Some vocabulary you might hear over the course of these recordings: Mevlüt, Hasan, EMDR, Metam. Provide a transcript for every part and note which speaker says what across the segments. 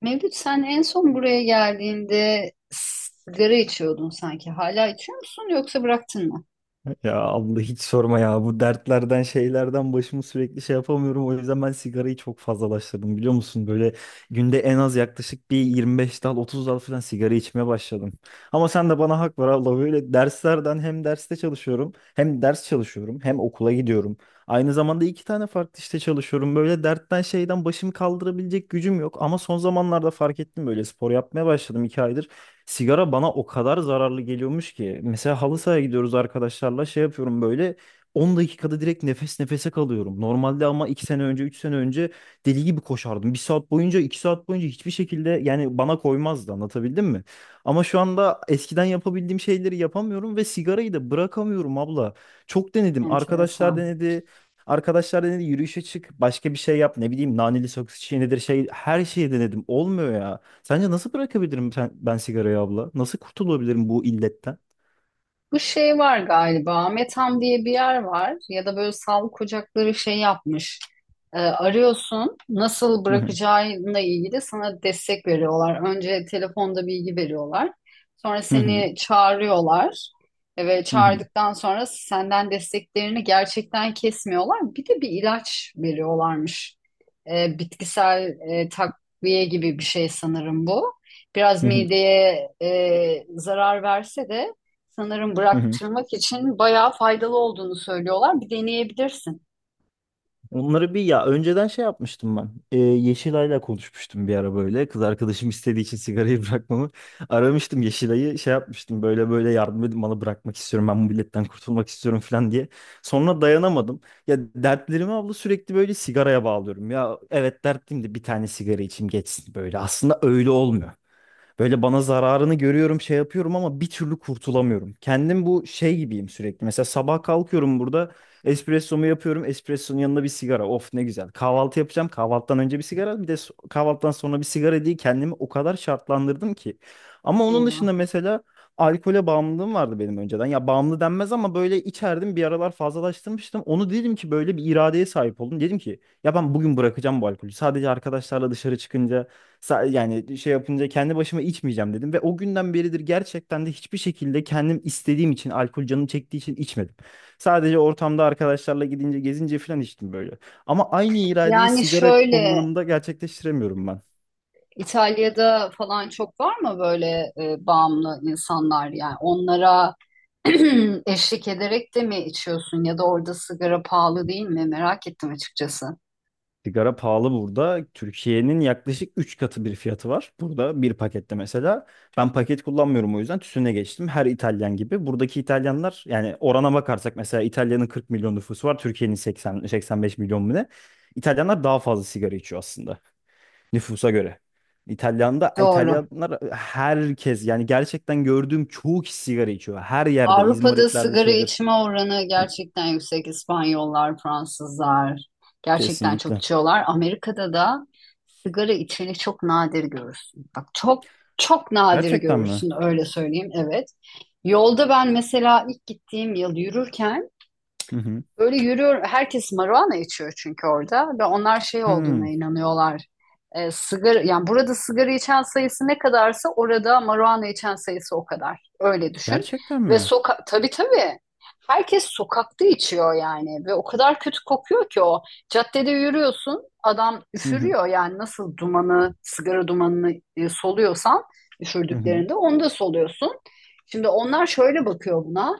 Speaker 1: Mevlüt sen en son buraya geldiğinde sigara içiyordun sanki. Hala içiyor musun yoksa bıraktın mı?
Speaker 2: Ya abla, hiç sorma ya. Bu dertlerden şeylerden başımı sürekli şey yapamıyorum. O yüzden ben sigarayı çok fazlalaştırdım, biliyor musun? Böyle günde en az yaklaşık bir 25 dal 30 dal falan sigara içmeye başladım. Ama sen de bana hak ver abla. Böyle derslerden, hem derste çalışıyorum, hem ders çalışıyorum, hem okula gidiyorum. Aynı zamanda iki tane farklı işte çalışıyorum. Böyle dertten şeyden başımı kaldırabilecek gücüm yok. Ama son zamanlarda fark ettim, böyle spor yapmaya başladım. 2 aydır sigara bana o kadar zararlı geliyormuş ki. Mesela halı sahaya gidiyoruz arkadaşlarla, şey yapıyorum böyle, 10 dakikada direkt nefes nefese kalıyorum. Normalde, ama 2 sene önce, 3 sene önce deli gibi koşardım. 1 saat boyunca, 2 saat boyunca hiçbir şekilde, yani bana koymazdı, anlatabildim mi? Ama şu anda eskiden yapabildiğim şeyleri yapamıyorum ve sigarayı da bırakamıyorum abla. Çok denedim, arkadaşlar
Speaker 1: Enteresan.
Speaker 2: denedi. Arkadaşlar denedi, yürüyüşe çık, başka bir şey yap, ne bileyim naneli sakız çiğnedir şey, her şeyi denedim olmuyor ya. Sence nasıl bırakabilirim ben sigarayı abla? Nasıl kurtulabilirim bu illetten?
Speaker 1: Bu şey var galiba. Metam diye bir yer var ya da böyle sağlık ocakları şey yapmış. Arıyorsun nasıl
Speaker 2: Hı hı.
Speaker 1: bırakacağınla ilgili sana destek veriyorlar. Önce telefonda bilgi veriyorlar. Sonra
Speaker 2: Hı hı.
Speaker 1: seni çağırıyorlar ve
Speaker 2: Hı hı.
Speaker 1: çağırdıktan sonra senden desteklerini gerçekten kesmiyorlar. Bir de bir ilaç veriyorlarmış. Bitkisel takviye gibi bir şey sanırım bu. Biraz
Speaker 2: Hı hı.
Speaker 1: mideye zarar verse de sanırım
Speaker 2: Hı hı.
Speaker 1: bıraktırmak için bayağı faydalı olduğunu söylüyorlar. Bir deneyebilirsin.
Speaker 2: Onları bir, ya önceden şey yapmıştım ben. Yeşilay'la konuşmuştum bir ara böyle. Kız arkadaşım istediği için sigarayı bırakmamı, aramıştım Yeşilay'ı şey yapmıştım böyle, böyle yardım edin bana, bırakmak istiyorum ben, bu illetten kurtulmak istiyorum falan diye. Sonra dayanamadım. Ya dertlerimi abla sürekli böyle sigaraya bağlıyorum. Ya evet, dertliyim de bir tane sigara içeyim geçsin böyle. Aslında öyle olmuyor. Böyle bana zararını görüyorum, şey yapıyorum ama bir türlü kurtulamıyorum. Kendim bu şey gibiyim sürekli. Mesela sabah kalkıyorum burada, espressomu yapıyorum, espressonun yanında bir sigara. Of ne güzel. Kahvaltı yapacağım. Kahvaltıdan önce bir sigara, bir de kahvaltıdan sonra bir sigara diye kendimi o kadar şartlandırdım ki. Ama onun
Speaker 1: Eyvah.
Speaker 2: dışında mesela alkole bağımlılığım vardı benim önceden. Ya bağımlı denmez ama böyle içerdim, bir aralar fazlalaştırmıştım. Onu dedim ki, böyle bir iradeye sahip oldum. Dedim ki ya ben bugün bırakacağım bu alkolü. Sadece arkadaşlarla dışarı çıkınca, yani şey yapınca kendi başıma içmeyeceğim dedim ve o günden beridir gerçekten de hiçbir şekilde kendim istediğim için, alkol canım çektiği için içmedim. Sadece ortamda arkadaşlarla gidince, gezince falan içtim böyle. Ama aynı iradeyi
Speaker 1: Yani
Speaker 2: sigara
Speaker 1: şöyle
Speaker 2: kullanımında gerçekleştiremiyorum ben.
Speaker 1: İtalya'da falan çok var mı böyle bağımlı insanlar? Yani onlara eşlik ederek de mi içiyorsun ya da orada sigara pahalı değil mi? Merak ettim açıkçası.
Speaker 2: Sigara pahalı burada. Türkiye'nin yaklaşık 3 katı bir fiyatı var burada, bir pakette mesela. Ben paket kullanmıyorum, o yüzden tütüne geçtim. Her İtalyan gibi. Buradaki İtalyanlar, yani orana bakarsak mesela, İtalya'nın 40 milyon nüfusu var. Türkiye'nin 80, 85 milyon mu ne? İtalyanlar daha fazla sigara içiyor aslında, nüfusa göre. İtalyan'da,
Speaker 1: Doğru.
Speaker 2: İtalyanlar herkes, yani gerçekten gördüğüm çoğu kişi sigara içiyor. Her yerde
Speaker 1: Avrupa'da
Speaker 2: İzmaritlerde
Speaker 1: sigara
Speaker 2: şeydir.
Speaker 1: içme oranı gerçekten yüksek. İspanyollar, Fransızlar gerçekten çok
Speaker 2: Kesinlikle.
Speaker 1: içiyorlar. Amerika'da da sigara içeni çok nadir görürsün. Bak çok çok nadir
Speaker 2: Gerçekten mi?
Speaker 1: görürsün öyle söyleyeyim. Evet. Yolda ben mesela ilk gittiğim yıl yürürken
Speaker 2: Hı hı.
Speaker 1: böyle yürüyor, herkes marijuana içiyor çünkü orada ve onlar şey olduğuna
Speaker 2: Hı.
Speaker 1: inanıyorlar. Sigara, yani burada sigara içen sayısı ne kadarsa orada marijuana içen sayısı o kadar. Öyle düşün.
Speaker 2: Gerçekten
Speaker 1: Ve
Speaker 2: mi?
Speaker 1: tabii tabii. Herkes sokakta içiyor yani ve o kadar kötü kokuyor ki o. Caddede yürüyorsun, adam
Speaker 2: Hı hı.
Speaker 1: üfürüyor yani nasıl sigara dumanını soluyorsan
Speaker 2: Hı hı.
Speaker 1: üfürdüklerinde onu da soluyorsun. Şimdi onlar şöyle bakıyor buna.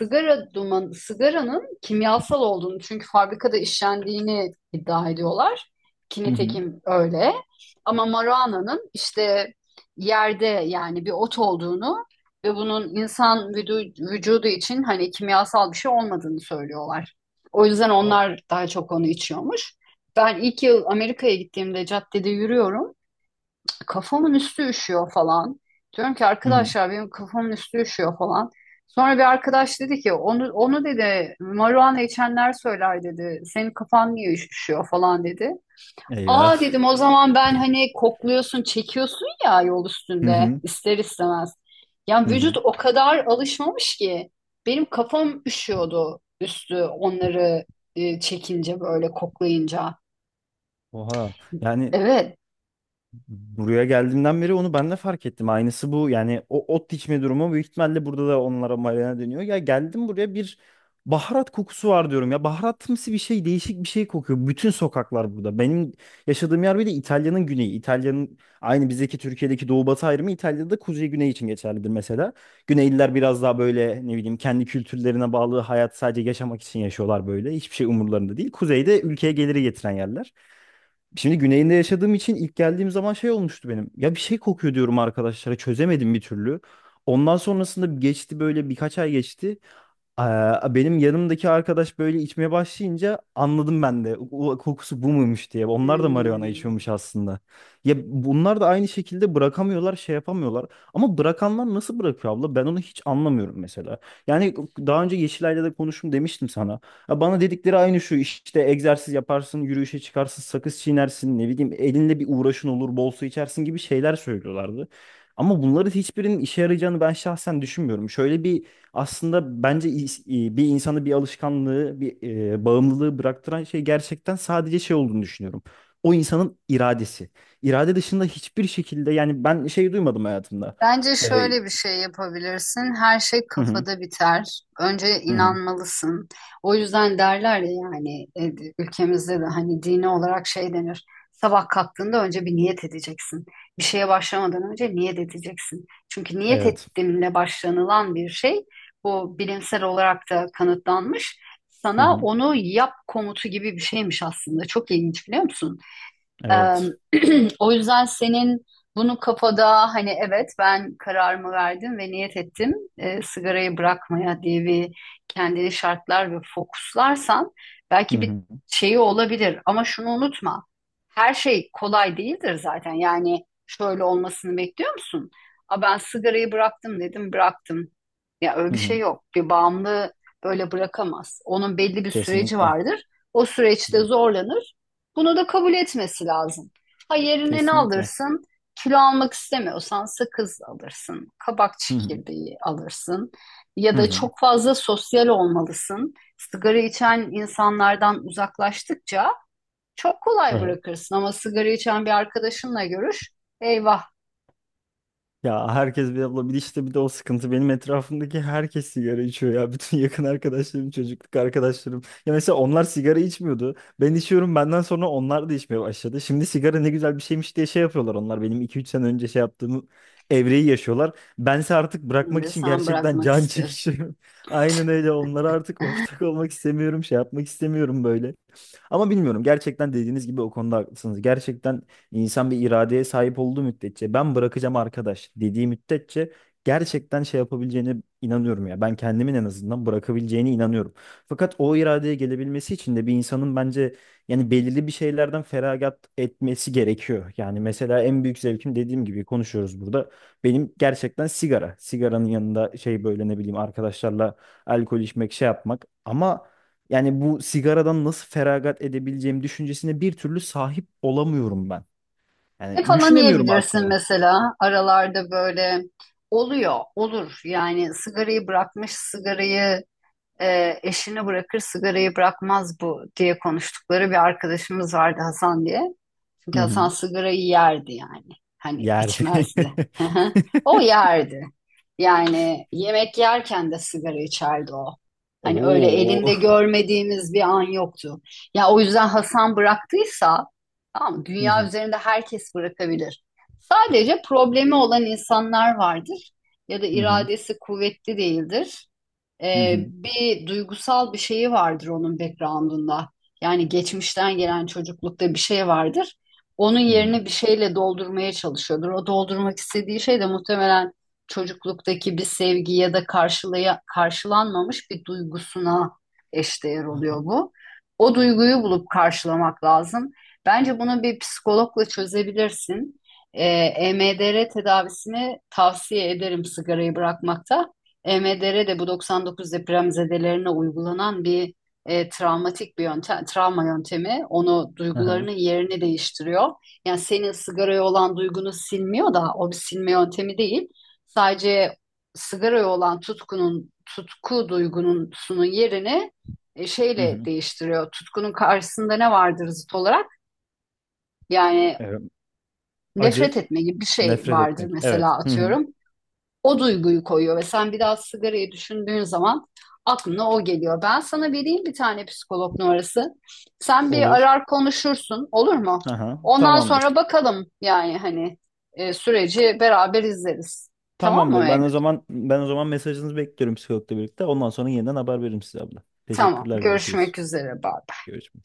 Speaker 1: Sigaranın kimyasal olduğunu çünkü fabrikada işlendiğini iddia ediyorlar. Ki
Speaker 2: Hı hı.
Speaker 1: nitekim öyle. Ama maruana'nın işte yerde yani bir ot olduğunu ve bunun insan vücudu için hani kimyasal bir şey olmadığını söylüyorlar. O yüzden
Speaker 2: O-
Speaker 1: onlar daha çok onu içiyormuş. Ben ilk yıl Amerika'ya gittiğimde caddede yürüyorum. Kafamın üstü üşüyor falan. Diyorum ki
Speaker 2: Hı hı.
Speaker 1: arkadaşlar benim kafamın üstü üşüyor falan. Sonra bir arkadaş dedi ki onu dedi marijuana içenler söyler dedi. Senin kafan niye üşüyor falan dedi. Aa
Speaker 2: Eyvah.
Speaker 1: dedim o zaman ben hani kokluyorsun çekiyorsun ya yol
Speaker 2: Hı
Speaker 1: üstünde
Speaker 2: hı.
Speaker 1: ister istemez. Yani
Speaker 2: Hı hı.
Speaker 1: vücut o kadar alışmamış ki benim kafam üşüyordu üstü onları çekince böyle koklayınca.
Speaker 2: Oha. Yani
Speaker 1: Evet.
Speaker 2: buraya geldiğimden beri onu ben de fark ettim. Aynısı bu. Yani o ot dikme durumu büyük ihtimalle burada da onlara marina dönüyor. Ya geldim buraya, bir baharat kokusu var diyorum ya. Baharatımsı bir şey, değişik bir şey kokuyor bütün sokaklar burada. Benim yaşadığım yer bir de İtalya'nın güneyi. İtalya'nın, aynı bizdeki Türkiye'deki doğu batı ayrımı, İtalya'da kuzey güney için geçerlidir mesela. Güneyliler biraz daha böyle ne bileyim kendi kültürlerine bağlı, hayat sadece yaşamak için yaşıyorlar böyle. Hiçbir şey umurlarında değil. Kuzeyde ülkeye geliri getiren yerler. Şimdi güneyinde yaşadığım için ilk geldiğim zaman şey olmuştu benim. Ya bir şey kokuyor diyorum arkadaşlara, çözemedim bir türlü. Ondan sonrasında geçti böyle, birkaç ay geçti. Aa, benim yanımdaki arkadaş böyle içmeye başlayınca anladım ben de. O kokusu bu muymuş diye. Onlar da marijuana
Speaker 1: Hmm.
Speaker 2: içiyormuş aslında. Ya bunlar da aynı şekilde bırakamıyorlar, şey yapamıyorlar. Ama bırakanlar nasıl bırakıyor abla? Ben onu hiç anlamıyorum mesela. Yani daha önce Yeşilay'la da konuştum demiştim sana. Ya bana dedikleri aynı şu işte, egzersiz yaparsın, yürüyüşe çıkarsın, sakız çiğnersin, ne bileyim elinde bir uğraşın olur, bol su içersin gibi şeyler söylüyorlardı. Ama bunların hiçbirinin işe yarayacağını ben şahsen düşünmüyorum. Şöyle bir, aslında bence bir insanı, bir alışkanlığı, bir bağımlılığı bıraktıran şey gerçekten sadece şey olduğunu düşünüyorum. O insanın iradesi. İrade dışında hiçbir şekilde, yani ben şey duymadım hayatımda.
Speaker 1: Bence
Speaker 2: E,
Speaker 1: şöyle bir şey yapabilirsin. Her şey
Speaker 2: hı hı.
Speaker 1: kafada biter. Önce
Speaker 2: Hı hı.
Speaker 1: inanmalısın. O yüzden derler ya yani ülkemizde de hani dini olarak şey denir. Sabah kalktığında önce bir niyet edeceksin. Bir şeye başlamadan önce niyet edeceksin. Çünkü niyet
Speaker 2: Evet.
Speaker 1: ettiğinle başlanılan bir şey bu bilimsel olarak da kanıtlanmış.
Speaker 2: Hı
Speaker 1: Sana
Speaker 2: hı.
Speaker 1: onu yap komutu gibi bir şeymiş aslında. Çok ilginç biliyor musun? Eee,
Speaker 2: Evet.
Speaker 1: o yüzden senin bunu kafada hani evet ben kararımı verdim ve niyet ettim sigarayı bırakmaya diye bir kendini şartlar ve fokuslarsan
Speaker 2: Hı
Speaker 1: belki bir
Speaker 2: hı.
Speaker 1: şeyi olabilir. Ama şunu unutma. Her şey kolay değildir zaten. Yani şöyle olmasını bekliyor musun? A ben sigarayı bıraktım dedim bıraktım. Ya öyle
Speaker 2: Hı
Speaker 1: bir şey
Speaker 2: hı.
Speaker 1: yok. Bir bağımlı böyle bırakamaz. Onun belli bir süreci
Speaker 2: Kesinlikle.
Speaker 1: vardır. O süreçte
Speaker 2: Hı.
Speaker 1: zorlanır. Bunu da kabul etmesi lazım. Ha yerine ne
Speaker 2: Kesinlikle.
Speaker 1: alırsın? Kilo almak istemiyorsan sakız alırsın, kabak
Speaker 2: Hı hı.
Speaker 1: çekirdeği alırsın ya da
Speaker 2: Hı
Speaker 1: çok fazla sosyal olmalısın. Sigara içen insanlardan uzaklaştıkça çok kolay
Speaker 2: hı.
Speaker 1: bırakırsın ama sigara içen bir arkadaşınla görüş, eyvah
Speaker 2: Ya herkes, bir abla, bir işte, bir de o sıkıntı. Benim etrafımdaki herkes sigara içiyor ya. Bütün yakın arkadaşlarım, çocukluk arkadaşlarım. Ya mesela onlar sigara içmiyordu. Ben içiyorum, benden sonra onlar da içmeye başladı. Şimdi sigara ne güzel bir şeymiş diye şey yapıyorlar onlar. Benim 2-3 sene önce şey yaptığım evreyi yaşıyorlar. Bense artık bırakmak
Speaker 1: şimdi
Speaker 2: için
Speaker 1: sen
Speaker 2: gerçekten
Speaker 1: bırakmak
Speaker 2: can
Speaker 1: istiyorsun.
Speaker 2: çekişiyorum. Aynen öyle, onlara artık ortak olmak istemiyorum. Şey yapmak istemiyorum böyle. Ama bilmiyorum, gerçekten dediğiniz gibi o konuda haklısınız. Gerçekten İnsan bir iradeye sahip olduğu müddetçe, ben bırakacağım arkadaş dediği müddetçe gerçekten şey yapabileceğine inanıyorum ya. Ben kendimin en azından bırakabileceğine inanıyorum. Fakat o iradeye gelebilmesi için de bir insanın bence, yani belirli bir şeylerden feragat etmesi gerekiyor. Yani mesela en büyük zevkim, dediğim gibi konuşuyoruz burada, benim gerçekten sigara. Sigaranın yanında şey, böyle ne bileyim arkadaşlarla alkol içmek, şey yapmak. Ama yani bu sigaradan nasıl feragat edebileceğim düşüncesine bir türlü sahip olamıyorum ben.
Speaker 1: Ne
Speaker 2: Yani
Speaker 1: falan
Speaker 2: düşünemiyorum
Speaker 1: yiyebilirsin
Speaker 2: aklıma.
Speaker 1: mesela aralarda böyle oluyor, olur. Yani sigarayı bırakmış, sigarayı eşini bırakır sigarayı bırakmaz bu diye konuştukları bir arkadaşımız vardı Hasan diye. Çünkü
Speaker 2: Hı
Speaker 1: Hasan
Speaker 2: hı.
Speaker 1: sigarayı yerdi yani. Hani
Speaker 2: Yerde.
Speaker 1: içmezdi. Hı hı. O yerdi. Yani yemek yerken de sigara içerdi o. Hani öyle
Speaker 2: Oo.
Speaker 1: elinde görmediğimiz bir an yoktu. Ya o yüzden Hasan bıraktıysa tamam mı?
Speaker 2: Hı
Speaker 1: Dünya
Speaker 2: hı.
Speaker 1: üzerinde herkes bırakabilir. Sadece problemi olan insanlar vardır ya da
Speaker 2: Hı hı.
Speaker 1: iradesi kuvvetli değildir.
Speaker 2: Hı
Speaker 1: Ee,
Speaker 2: hı.
Speaker 1: bir duygusal bir şeyi vardır onun background'unda. Yani geçmişten gelen çocuklukta bir şey vardır onun
Speaker 2: Hı hı.
Speaker 1: yerine bir şeyle doldurmaya çalışıyordur. O doldurmak istediği şey de muhtemelen çocukluktaki bir sevgi ya da karşılanmamış bir duygusuna eşdeğer
Speaker 2: Aha.
Speaker 1: oluyor bu. O duyguyu bulup karşılamak lazım. Bence bunu bir psikologla çözebilirsin. Ee, EMDR tedavisini tavsiye ederim sigarayı bırakmakta. EMDR de bu 99 depremzedelerine uygulanan bir travmatik bir yöntem, travma yöntemi onu
Speaker 2: Aha.
Speaker 1: duygularının yerini değiştiriyor. Yani senin sigaraya olan duygunu silmiyor da o bir silme yöntemi değil. Sadece sigaraya olan tutku duygusunun yerini
Speaker 2: Hı hı.
Speaker 1: şeyle
Speaker 2: Hı.
Speaker 1: değiştiriyor. Tutkunun karşısında ne vardır zıt olarak? Yani
Speaker 2: Evet.
Speaker 1: nefret
Speaker 2: Acı.
Speaker 1: etme gibi bir şey
Speaker 2: Nefret
Speaker 1: vardır
Speaker 2: etmek. Evet.
Speaker 1: mesela
Speaker 2: Hı hı.
Speaker 1: atıyorum o duyguyu koyuyor ve sen biraz sigarayı düşündüğün zaman aklına o geliyor. Ben sana vereyim bir tane psikolog numarası. Sen bir
Speaker 2: Olur.
Speaker 1: arar konuşursun olur mu?
Speaker 2: Aha.
Speaker 1: Ondan sonra
Speaker 2: Tamamdır.
Speaker 1: bakalım yani hani süreci beraber izleriz. Tamam mı
Speaker 2: Tamamdır. Ben
Speaker 1: Mevlüt?
Speaker 2: o zaman ben o zaman mesajınızı bekliyorum, psikologla birlikte. Ondan sonra yeniden haber veririm size abla.
Speaker 1: Tamam.
Speaker 2: Teşekkürler. Görüşürüz.
Speaker 1: Görüşmek üzere. Bye.
Speaker 2: Görüşmek